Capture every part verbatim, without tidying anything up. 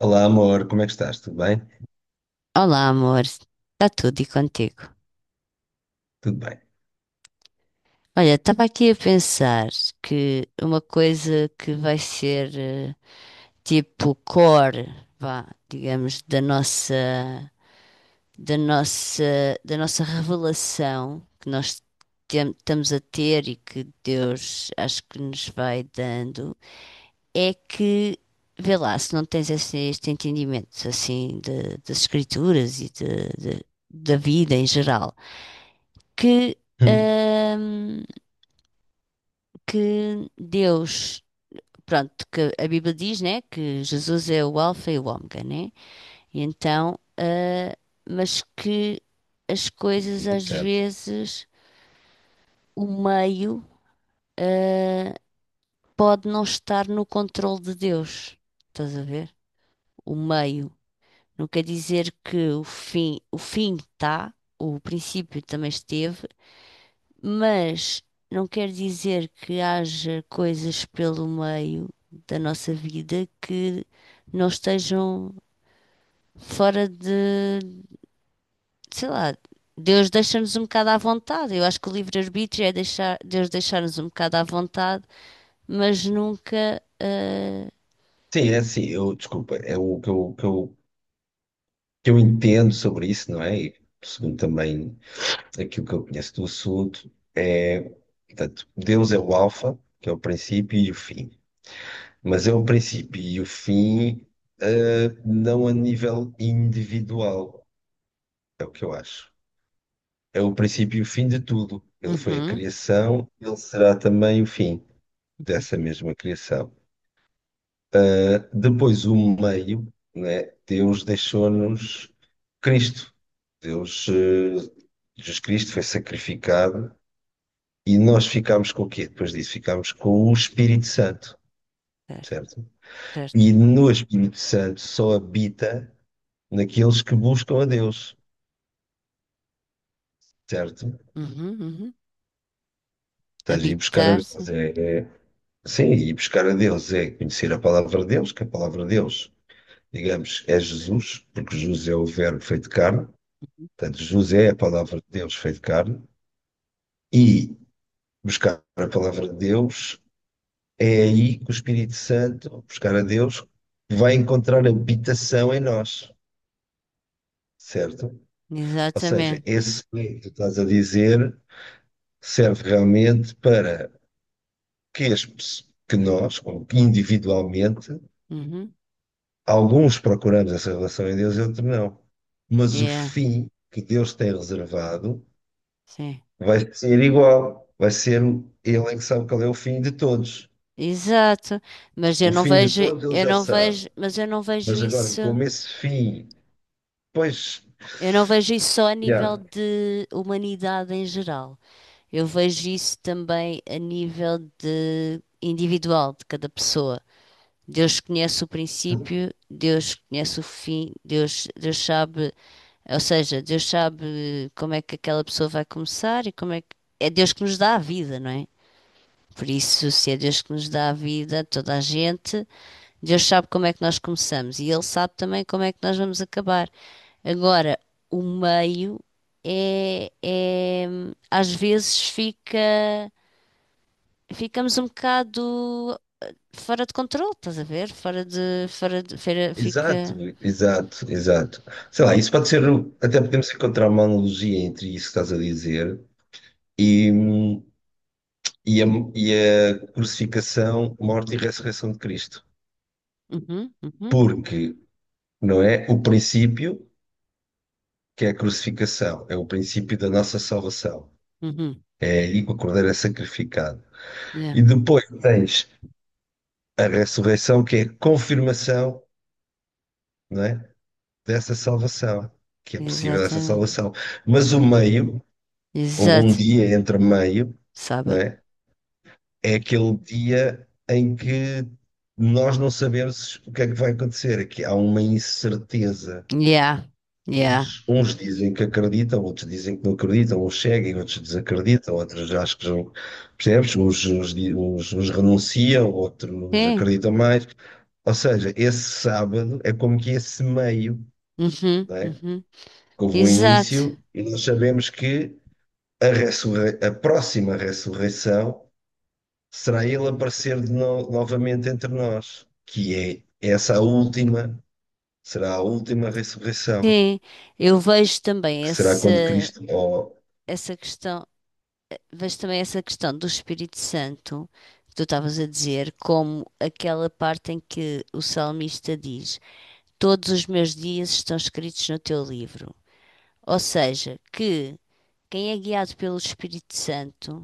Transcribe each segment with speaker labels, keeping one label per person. Speaker 1: Olá, amor, como é que estás? Tudo bem?
Speaker 2: Olá, amor. Está tudo e contigo?
Speaker 1: Tudo bem.
Speaker 2: Olha, estava aqui a pensar que uma coisa que vai ser eh, tipo core, vá, digamos, da nossa, da nossa, da nossa revelação que nós tem- estamos a ter e que Deus acho que nos vai dando, é que, vê lá, se não tens esse, este entendimento assim de- das escrituras e de, de- da vida em geral, que,
Speaker 1: Hum,
Speaker 2: ahm, que Deus, pronto, que a Bíblia diz, né, que Jesus é o Alfa e o Ômega, né? E então, ah, mas que as coisas às
Speaker 1: certo.
Speaker 2: vezes, o meio, ah, pode não estar no controle de Deus. Estás a ver? O meio. Não quer dizer que o fim, o fim está, o princípio também esteve, mas não quer dizer que haja coisas pelo meio da nossa vida que não estejam fora de, sei lá. Deus deixa-nos um bocado à vontade. Eu acho que o livre-arbítrio é deixar, Deus deixar-nos um bocado à vontade, mas nunca. ah,
Speaker 1: Sim, é assim, eu, desculpa, é o que eu, que eu, que eu entendo sobre isso, não é? E segundo também aquilo que eu conheço do assunto, é, portanto, Deus é o alfa, que é o princípio e o fim. Mas é o princípio e o fim, eh, não a nível individual, é o que eu acho. É o princípio e o fim de tudo. Ele foi a
Speaker 2: Uhum.
Speaker 1: criação, ele será também o fim dessa mesma criação. Depois, o meio, né? Deus deixou-nos Cristo. Deus, eh, Jesus Cristo foi sacrificado e nós ficámos com o quê? Depois disso, ficámos com o Espírito Santo,
Speaker 2: Certo,
Speaker 1: certo?
Speaker 2: certo.
Speaker 1: E no Espírito Santo só habita naqueles que buscam a Deus, certo?
Speaker 2: Uhum, uhum.
Speaker 1: Estás a ir buscar a
Speaker 2: Habitar-se.
Speaker 1: Deus. É, é- sim, ir buscar a Deus é conhecer a palavra de Deus, que a palavra de Deus, digamos, é Jesus, porque Jesus é o Verbo feito carne.
Speaker 2: Uhum.
Speaker 1: Portanto, José é a palavra de Deus feito carne e buscar a palavra de Deus é aí que o Espírito Santo, buscar a Deus, vai encontrar habitação em nós, certo? Ou seja,
Speaker 2: Exatamente.
Speaker 1: esse que tu estás a dizer serve realmente para que, as, que nós, ou que individualmente,
Speaker 2: Uhum.
Speaker 1: alguns procuramos essa relação em Deus e outros não. Mas o
Speaker 2: Yeah,
Speaker 1: fim que Deus tem reservado
Speaker 2: sim.
Speaker 1: vai ser igual, vai ser. Ele é que sabe qual é o fim de todos.
Speaker 2: Exato, mas eu
Speaker 1: O
Speaker 2: não
Speaker 1: fim de
Speaker 2: vejo,
Speaker 1: todos ele
Speaker 2: eu
Speaker 1: já
Speaker 2: não
Speaker 1: sabe.
Speaker 2: vejo, mas eu não vejo
Speaker 1: Mas agora,
Speaker 2: isso,
Speaker 1: como esse fim, pois,
Speaker 2: eu não vejo isso só a
Speaker 1: yeah,
Speaker 2: nível de humanidade em geral. Eu vejo isso também a nível de individual de cada pessoa. Deus conhece o princípio, Deus conhece o fim, Deus, Deus sabe, ou seja, Deus sabe como é que aquela pessoa vai começar e como é que é Deus que nos dá a vida, não é? Por isso, se é Deus que nos dá a vida, a toda a gente. Deus sabe como é que nós começamos e Ele sabe também como é que nós vamos acabar. Agora, o meio é, é- às vezes fica, ficamos um bocado fora de controle, estás a ver? Fora de, fora de, fora-
Speaker 1: exato,
Speaker 2: fica.
Speaker 1: exato, exato. Sei lá, isso pode ser, o- até podemos encontrar uma analogia entre isso que estás a dizer e, hum, e, a, e a crucificação, morte e ressurreição de Cristo.
Speaker 2: Uhum, uhum,
Speaker 1: Porque, não é? O princípio, que é a crucificação, é o princípio da nossa salvação.
Speaker 2: uhum.
Speaker 1: É aí que o Cordeiro é sacrificado.
Speaker 2: Yeah.
Speaker 1: E depois tens a ressurreição, que é a confirmação, não é? Dessa salvação, que é possível essa
Speaker 2: Exatamente.
Speaker 1: salvação. Mas o meio, houve um
Speaker 2: Exato.
Speaker 1: dia entre meio, não
Speaker 2: Sábado.
Speaker 1: é? É aquele dia em que nós não sabemos o que é que vai acontecer, é que há uma incerteza.
Speaker 2: Yeah, yeah.
Speaker 1: Uns, uns dizem que acreditam, outros dizem que não acreditam, uns seguem, outros desacreditam, outros acho que já, percebes? Uns, uns, di- uns, uns renunciam, outros
Speaker 2: Sim.
Speaker 1: acreditam mais. Ou seja, esse sábado é como que esse meio,
Speaker 2: Uhum, uhum.
Speaker 1: houve um
Speaker 2: Exato.
Speaker 1: início e nós sabemos que a, ressurrei- a próxima ressurreição será ele aparecer de no- novamente entre nós, que é essa a última, será a última ressurreição,
Speaker 2: Sim, eu vejo também
Speaker 1: que será
Speaker 2: essa,
Speaker 1: quando Cristo. Oh,
Speaker 2: essa questão mas também essa questão do Espírito Santo, que tu estavas a dizer, como aquela parte em que o salmista diz: Todos os meus dias estão escritos no teu livro. Ou seja, que quem é guiado pelo Espírito Santo,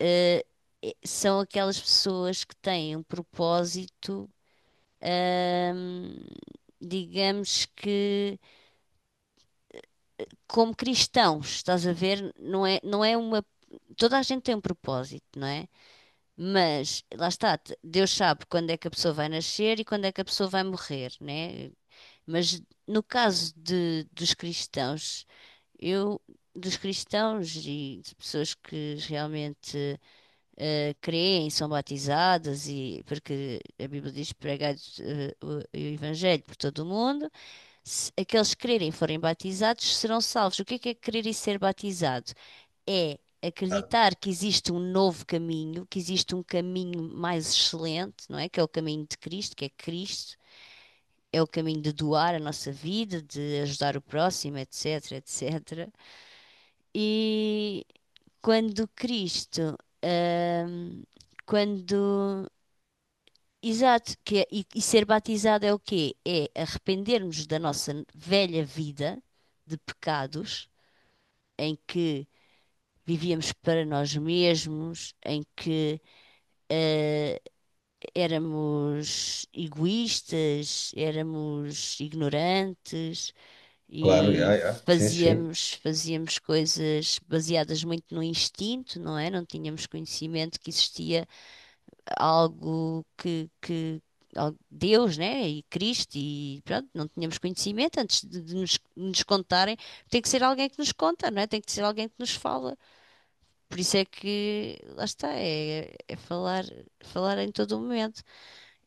Speaker 2: eh, eh, são aquelas pessoas que têm um propósito, ahm, digamos que como cristãos, estás a ver? Não é, não é uma. Toda a gente tem um propósito, não é? Mas, lá está, te- Deus sabe quando é que a pessoa vai nascer e quando é que a pessoa vai morrer, né? Mas no caso de, dos cristãos, eu, dos cristãos e de pessoas que realmente eh, creem, são batizadas, e porque a Bíblia diz pregar o, o Evangelho por todo o mundo, se aqueles que crerem e forem batizados serão salvos. O que é que é crer e ser batizado? É
Speaker 1: ah,
Speaker 2: acreditar que existe um novo caminho, que existe um caminho mais excelente, não é? Que é o caminho de Cristo, que é Cristo, é o caminho de doar a nossa vida, de ajudar o próximo, etc, etcétera. E quando Cristo, hum, quando. Exato, que é- e, e ser batizado é o quê? É arrependermos da nossa velha vida de pecados, em que vivíamos para nós mesmos, em que hum, éramos egoístas, éramos ignorantes
Speaker 1: claro,
Speaker 2: e
Speaker 1: já, já, sim, sim,
Speaker 2: fazíamos, fazíamos coisas baseadas muito no instinto, não é? Não tínhamos conhecimento que existia algo que, que al- Deus, né? E Cristo, e pronto, não tínhamos conhecimento antes de, de nos, nos contarem. Tem que ser alguém que nos conta, não é? Tem que ser alguém que nos fala. Por isso é que, lá está, é, é falar, falar em todo o momento.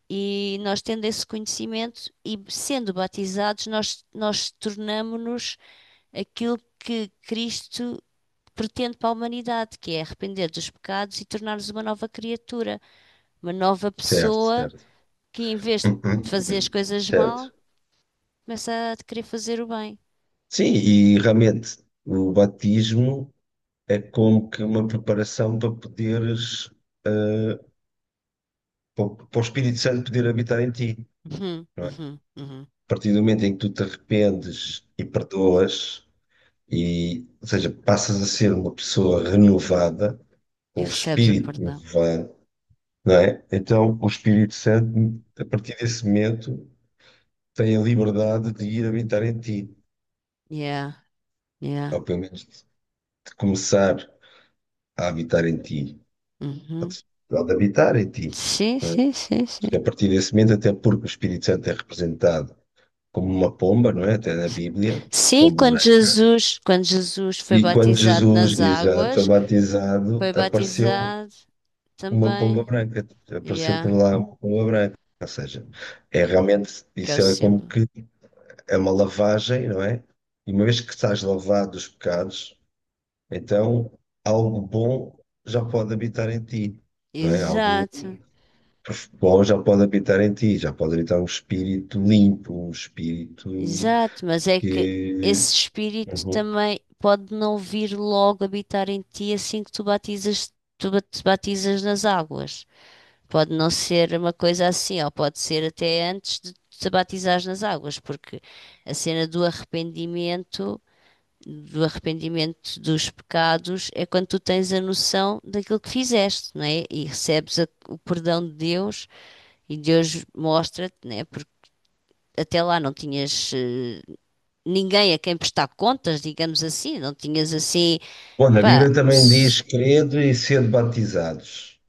Speaker 2: E nós tendo esse conhecimento e sendo batizados, nós, nós tornamo-nos aquilo que Cristo pretende para a humanidade, que é arrepender dos pecados e tornar-nos uma nova criatura, uma nova
Speaker 1: certo,
Speaker 2: pessoa
Speaker 1: certo.
Speaker 2: que, em vez de
Speaker 1: Uhum,
Speaker 2: fazer as
Speaker 1: uhum,
Speaker 2: coisas
Speaker 1: certo.
Speaker 2: mal, começa a querer fazer o bem.
Speaker 1: Sim, e realmente o batismo é como que uma preparação para poderes, eh, para o para o Espírito Santo poder habitar em ti.
Speaker 2: Uhum, uhum, uhum.
Speaker 1: A partir do momento em que tu te arrependes e perdoas, e, ou seja, passas a ser uma pessoa renovada,
Speaker 2: E
Speaker 1: com um
Speaker 2: recebes o
Speaker 1: espírito
Speaker 2: perdão.
Speaker 1: renovado, não é? Então, o Espírito Santo, a partir desse momento, tem a liberdade de ir habitar em ti,
Speaker 2: Yeah, yeah.
Speaker 1: ou pelo menos de começar a habitar em ti, ou
Speaker 2: Uhum.
Speaker 1: de ou de habitar em ti.
Speaker 2: Sim,
Speaker 1: Não é?
Speaker 2: sim, sim, sim.
Speaker 1: Porque a partir desse momento, até porque o Espírito Santo é representado como uma pomba, não é? Até na Bíblia,
Speaker 2: Sim,
Speaker 1: pomba
Speaker 2: quando
Speaker 1: branca.
Speaker 2: Jesus, quando Jesus foi
Speaker 1: E quando
Speaker 2: batizado
Speaker 1: Jesus,
Speaker 2: nas
Speaker 1: exato, foi
Speaker 2: águas,
Speaker 1: batizado,
Speaker 2: foi
Speaker 1: apareceu
Speaker 2: batizado
Speaker 1: uma pomba
Speaker 2: também.
Speaker 1: branca, apareceu por
Speaker 2: Yeah,
Speaker 1: lá uma pomba branca. Ou seja, é realmente,
Speaker 2: que é o
Speaker 1: isso é como
Speaker 2: símbolo.
Speaker 1: que é uma lavagem, não é? E uma vez que estás lavado dos pecados, então algo bom já pode habitar em ti, não é? Algo
Speaker 2: Exato,
Speaker 1: bom já pode habitar em ti, já pode habitar um espírito limpo, um espírito
Speaker 2: exato, mas é que
Speaker 1: que.
Speaker 2: esse espírito
Speaker 1: Uhum.
Speaker 2: também pode não vir logo habitar em ti assim que tu batizas, tu ba- te batizas nas águas. Pode não ser uma coisa assim, ou pode ser até antes de te batizares nas águas, porque a cena do arrependimento do arrependimento dos pecados é quando tu tens a noção daquilo que fizeste, não é? E recebes a- o perdão de Deus e Deus mostra-te, não é? Porque até lá não tinhas eh, ninguém a quem prestar contas, digamos assim, não tinhas assim,
Speaker 1: Bom, na
Speaker 2: pá,
Speaker 1: Bíblia também diz:
Speaker 2: s-
Speaker 1: crede e sede batizados.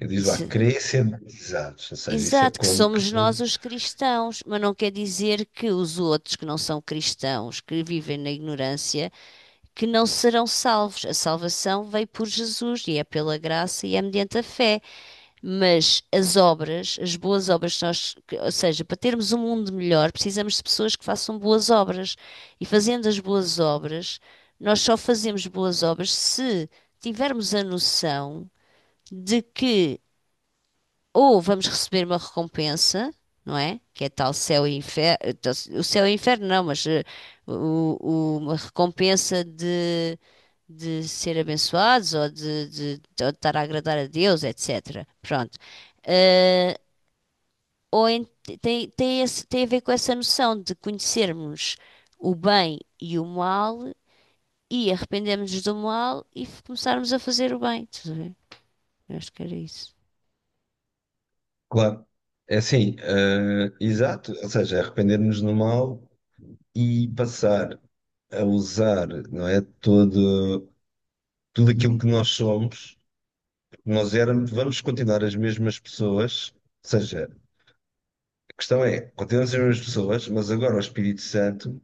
Speaker 1: E diz lá,
Speaker 2: isso-
Speaker 1: crescer crecendizados, ou seja, isso é
Speaker 2: exato, que
Speaker 1: como que.
Speaker 2: somos nós os cristãos, mas não quer dizer que os outros que não são cristãos, que vivem na ignorância, que não serão salvos. A salvação veio por Jesus e é pela graça e é mediante a fé. Mas as obras, as boas obras, que nós, que- ou seja, para termos um mundo melhor, precisamos de pessoas que façam boas obras. E fazendo as boas obras, nós só fazemos boas obras se tivermos a noção de que ou vamos receber uma recompensa, não é? Que é tal céu e inferno, o céu e inferno não, mas eh, o- o- uma recompensa de, de ser abençoados ou de, de, de estar a agradar a Deus, etcétera. Pronto. Ah, ou en- tem, tem, esse- tem a ver com essa noção de conhecermos o bem e o mal e arrependermos do mal e f- começarmos a fazer o bem. Estás a ver? Eu acho que era isso.
Speaker 1: Claro, é assim, eh, exato, ou seja, arrepender-nos no mal e passar a usar, não é, todo, tudo aquilo que nós somos, que nós éramos, vamos continuar as mesmas pessoas, ou seja, a questão é, continuamos as mesmas pessoas, mas agora o Espírito Santo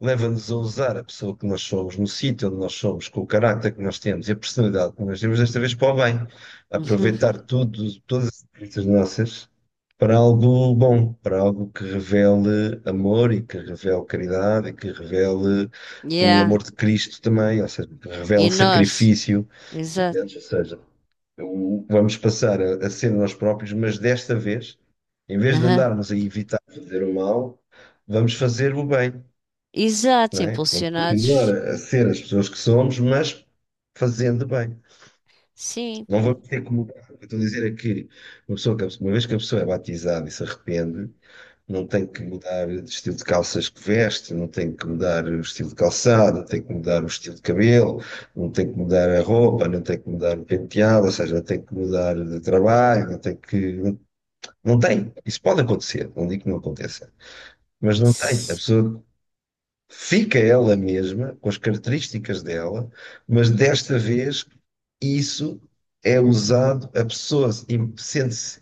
Speaker 1: leva-nos a usar a pessoa que nós somos, no sítio onde nós somos, com o caráter que nós temos e a personalidade que nós temos, desta vez para o bem.
Speaker 2: Uhum.
Speaker 1: Aproveitar tudo, todas as experiências nossas para algo bom, para algo que revele amor e que revele caridade e que revele o
Speaker 2: Yeah.
Speaker 1: amor de Cristo também, ou seja, que
Speaker 2: E
Speaker 1: revele
Speaker 2: nós,
Speaker 1: sacrifício.
Speaker 2: exato.
Speaker 1: Entendes? Ou seja, o- vamos passar a, a ser nós próprios, mas desta vez, em vez de
Speaker 2: Aham.
Speaker 1: andarmos a evitar fazer o mal, vamos fazer o bem,
Speaker 2: Exato,
Speaker 1: não é? Vamos continuar
Speaker 2: impulsionados.
Speaker 1: a ser as pessoas que somos, mas fazendo bem.
Speaker 2: Sim.
Speaker 1: Não vamos ter que mudar. O que eu estou a dizer é que uma pessoa que- uma vez que a pessoa é batizada e se arrepende, não tem que mudar o estilo de calças que veste, não tem que mudar o estilo de calçado, não tem que mudar o estilo de cabelo, não tem que mudar a roupa, não tem que mudar o penteado, ou seja, não tem que mudar de trabalho, não tem que. Não, não tem. Isso pode acontecer, não digo que não aconteça. Mas não tem. A
Speaker 2: Sim.
Speaker 1: pessoa fica ela mesma, com as características dela, mas desta vez isso é usado, a pessoa im- sente-se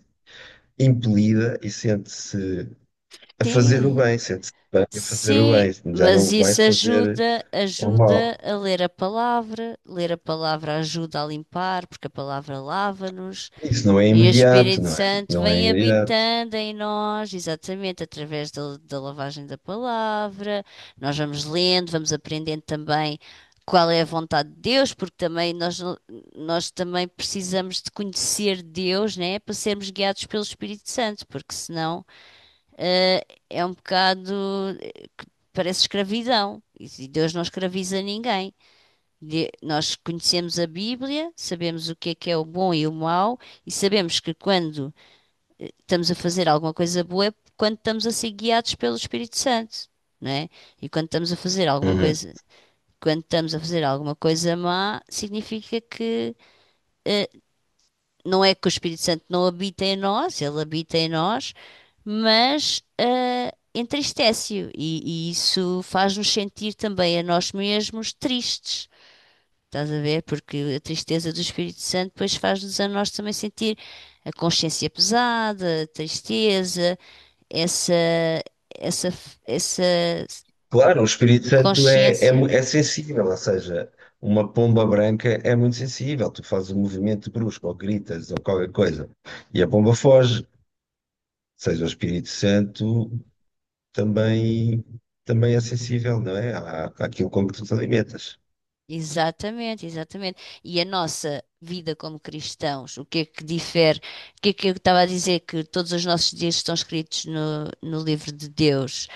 Speaker 1: impelida e sente-se a fazer o bem, sente-se bem a fazer o
Speaker 2: Sim.
Speaker 1: bem, já
Speaker 2: Mas
Speaker 1: não vai
Speaker 2: isso
Speaker 1: fazer
Speaker 2: ajuda,
Speaker 1: o
Speaker 2: ajuda
Speaker 1: mal.
Speaker 2: a ler a palavra, ler a palavra ajuda a limpar, porque a palavra lava-nos.
Speaker 1: Isso não é
Speaker 2: E o
Speaker 1: imediato,
Speaker 2: Espírito
Speaker 1: não é?
Speaker 2: Santo
Speaker 1: Não é
Speaker 2: vem
Speaker 1: imediato.
Speaker 2: habitando em nós, exatamente, através da, da lavagem da palavra. Nós vamos lendo, vamos aprendendo também qual é a vontade de Deus, porque também nós, nós também precisamos de conhecer Deus, né, para sermos guiados pelo Espírito Santo, porque senão, eh, é um bocado, parece escravidão, e Deus não escraviza ninguém. De- Nós conhecemos a Bíblia, sabemos o que é que é o bom e o mau, e sabemos que quando estamos a fazer alguma coisa boa é quando estamos a ser guiados pelo Espírito Santo, não é? E quando estamos a fazer alguma
Speaker 1: Uhum.
Speaker 2: coisa, quando estamos a fazer alguma coisa má, significa que eh, não é que o Espírito Santo não habita em nós, ele habita em nós, mas eh, entristece-o e, e isso faz-nos sentir também a nós mesmos tristes. Estás a ver? Porque a tristeza do Espírito Santo depois faz-nos a nós também sentir a consciência pesada, a tristeza, essa, essa, essa
Speaker 1: Claro, o Espírito Santo é, é,
Speaker 2: consciência.
Speaker 1: mu- é sensível, ou seja, uma pomba branca é muito sensível. Tu fazes um movimento brusco, ou gritas, ou qualquer coisa, e a pomba foge. Seja, o Espírito Santo também, também é sensível, não é? À, àquilo como tu te alimentas.
Speaker 2: Exatamente, exatamente. E a nossa vida como cristãos, o que é que difere? O que é que eu estava a dizer? Que todos os nossos dias estão escritos no, no livro de Deus.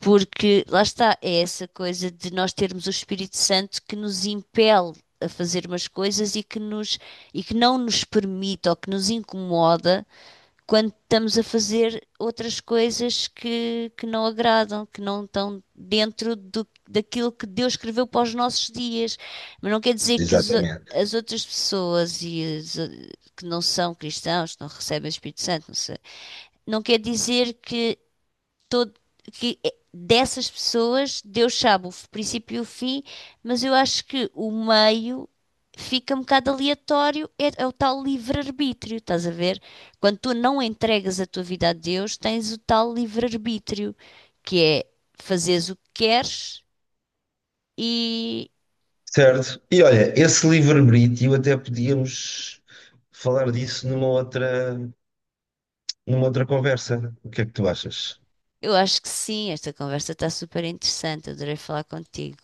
Speaker 2: Porque lá está, é essa coisa de nós termos o Espírito Santo que nos impele a fazer umas coisas e que nos, e que não nos permite ou que nos incomoda quando estamos a fazer outras coisas que, que não agradam, que não estão dentro do, daquilo que Deus escreveu para os nossos dias. Mas não quer dizer que as, o-
Speaker 1: Exatamente.
Speaker 2: as outras pessoas e as, o- que não são cristãos, que não recebem o Espírito Santo, não sei, não quer dizer que todo, que é- dessas pessoas Deus sabe o f- princípio e o fim, mas eu acho que o meio fica um bocado aleatório, é, é o tal livre-arbítrio, estás a ver? Quando tu não entregas a tua vida a Deus, tens o tal livre-arbítrio, que é fazeres o que queres. E
Speaker 1: Certo. E olha, esse livre-arbítrio até podíamos falar disso numa outra, numa outra conversa. O que é que tu achas?
Speaker 2: eu acho que sim, esta conversa está super interessante, adorei falar contigo,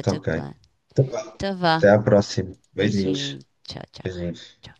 Speaker 1: Tá ok. Então, vá.
Speaker 2: Então vá,
Speaker 1: Até à próxima. Beijinhos.
Speaker 2: beijinho, tchau, tchau.
Speaker 1: Beijinhos.
Speaker 2: Tchau.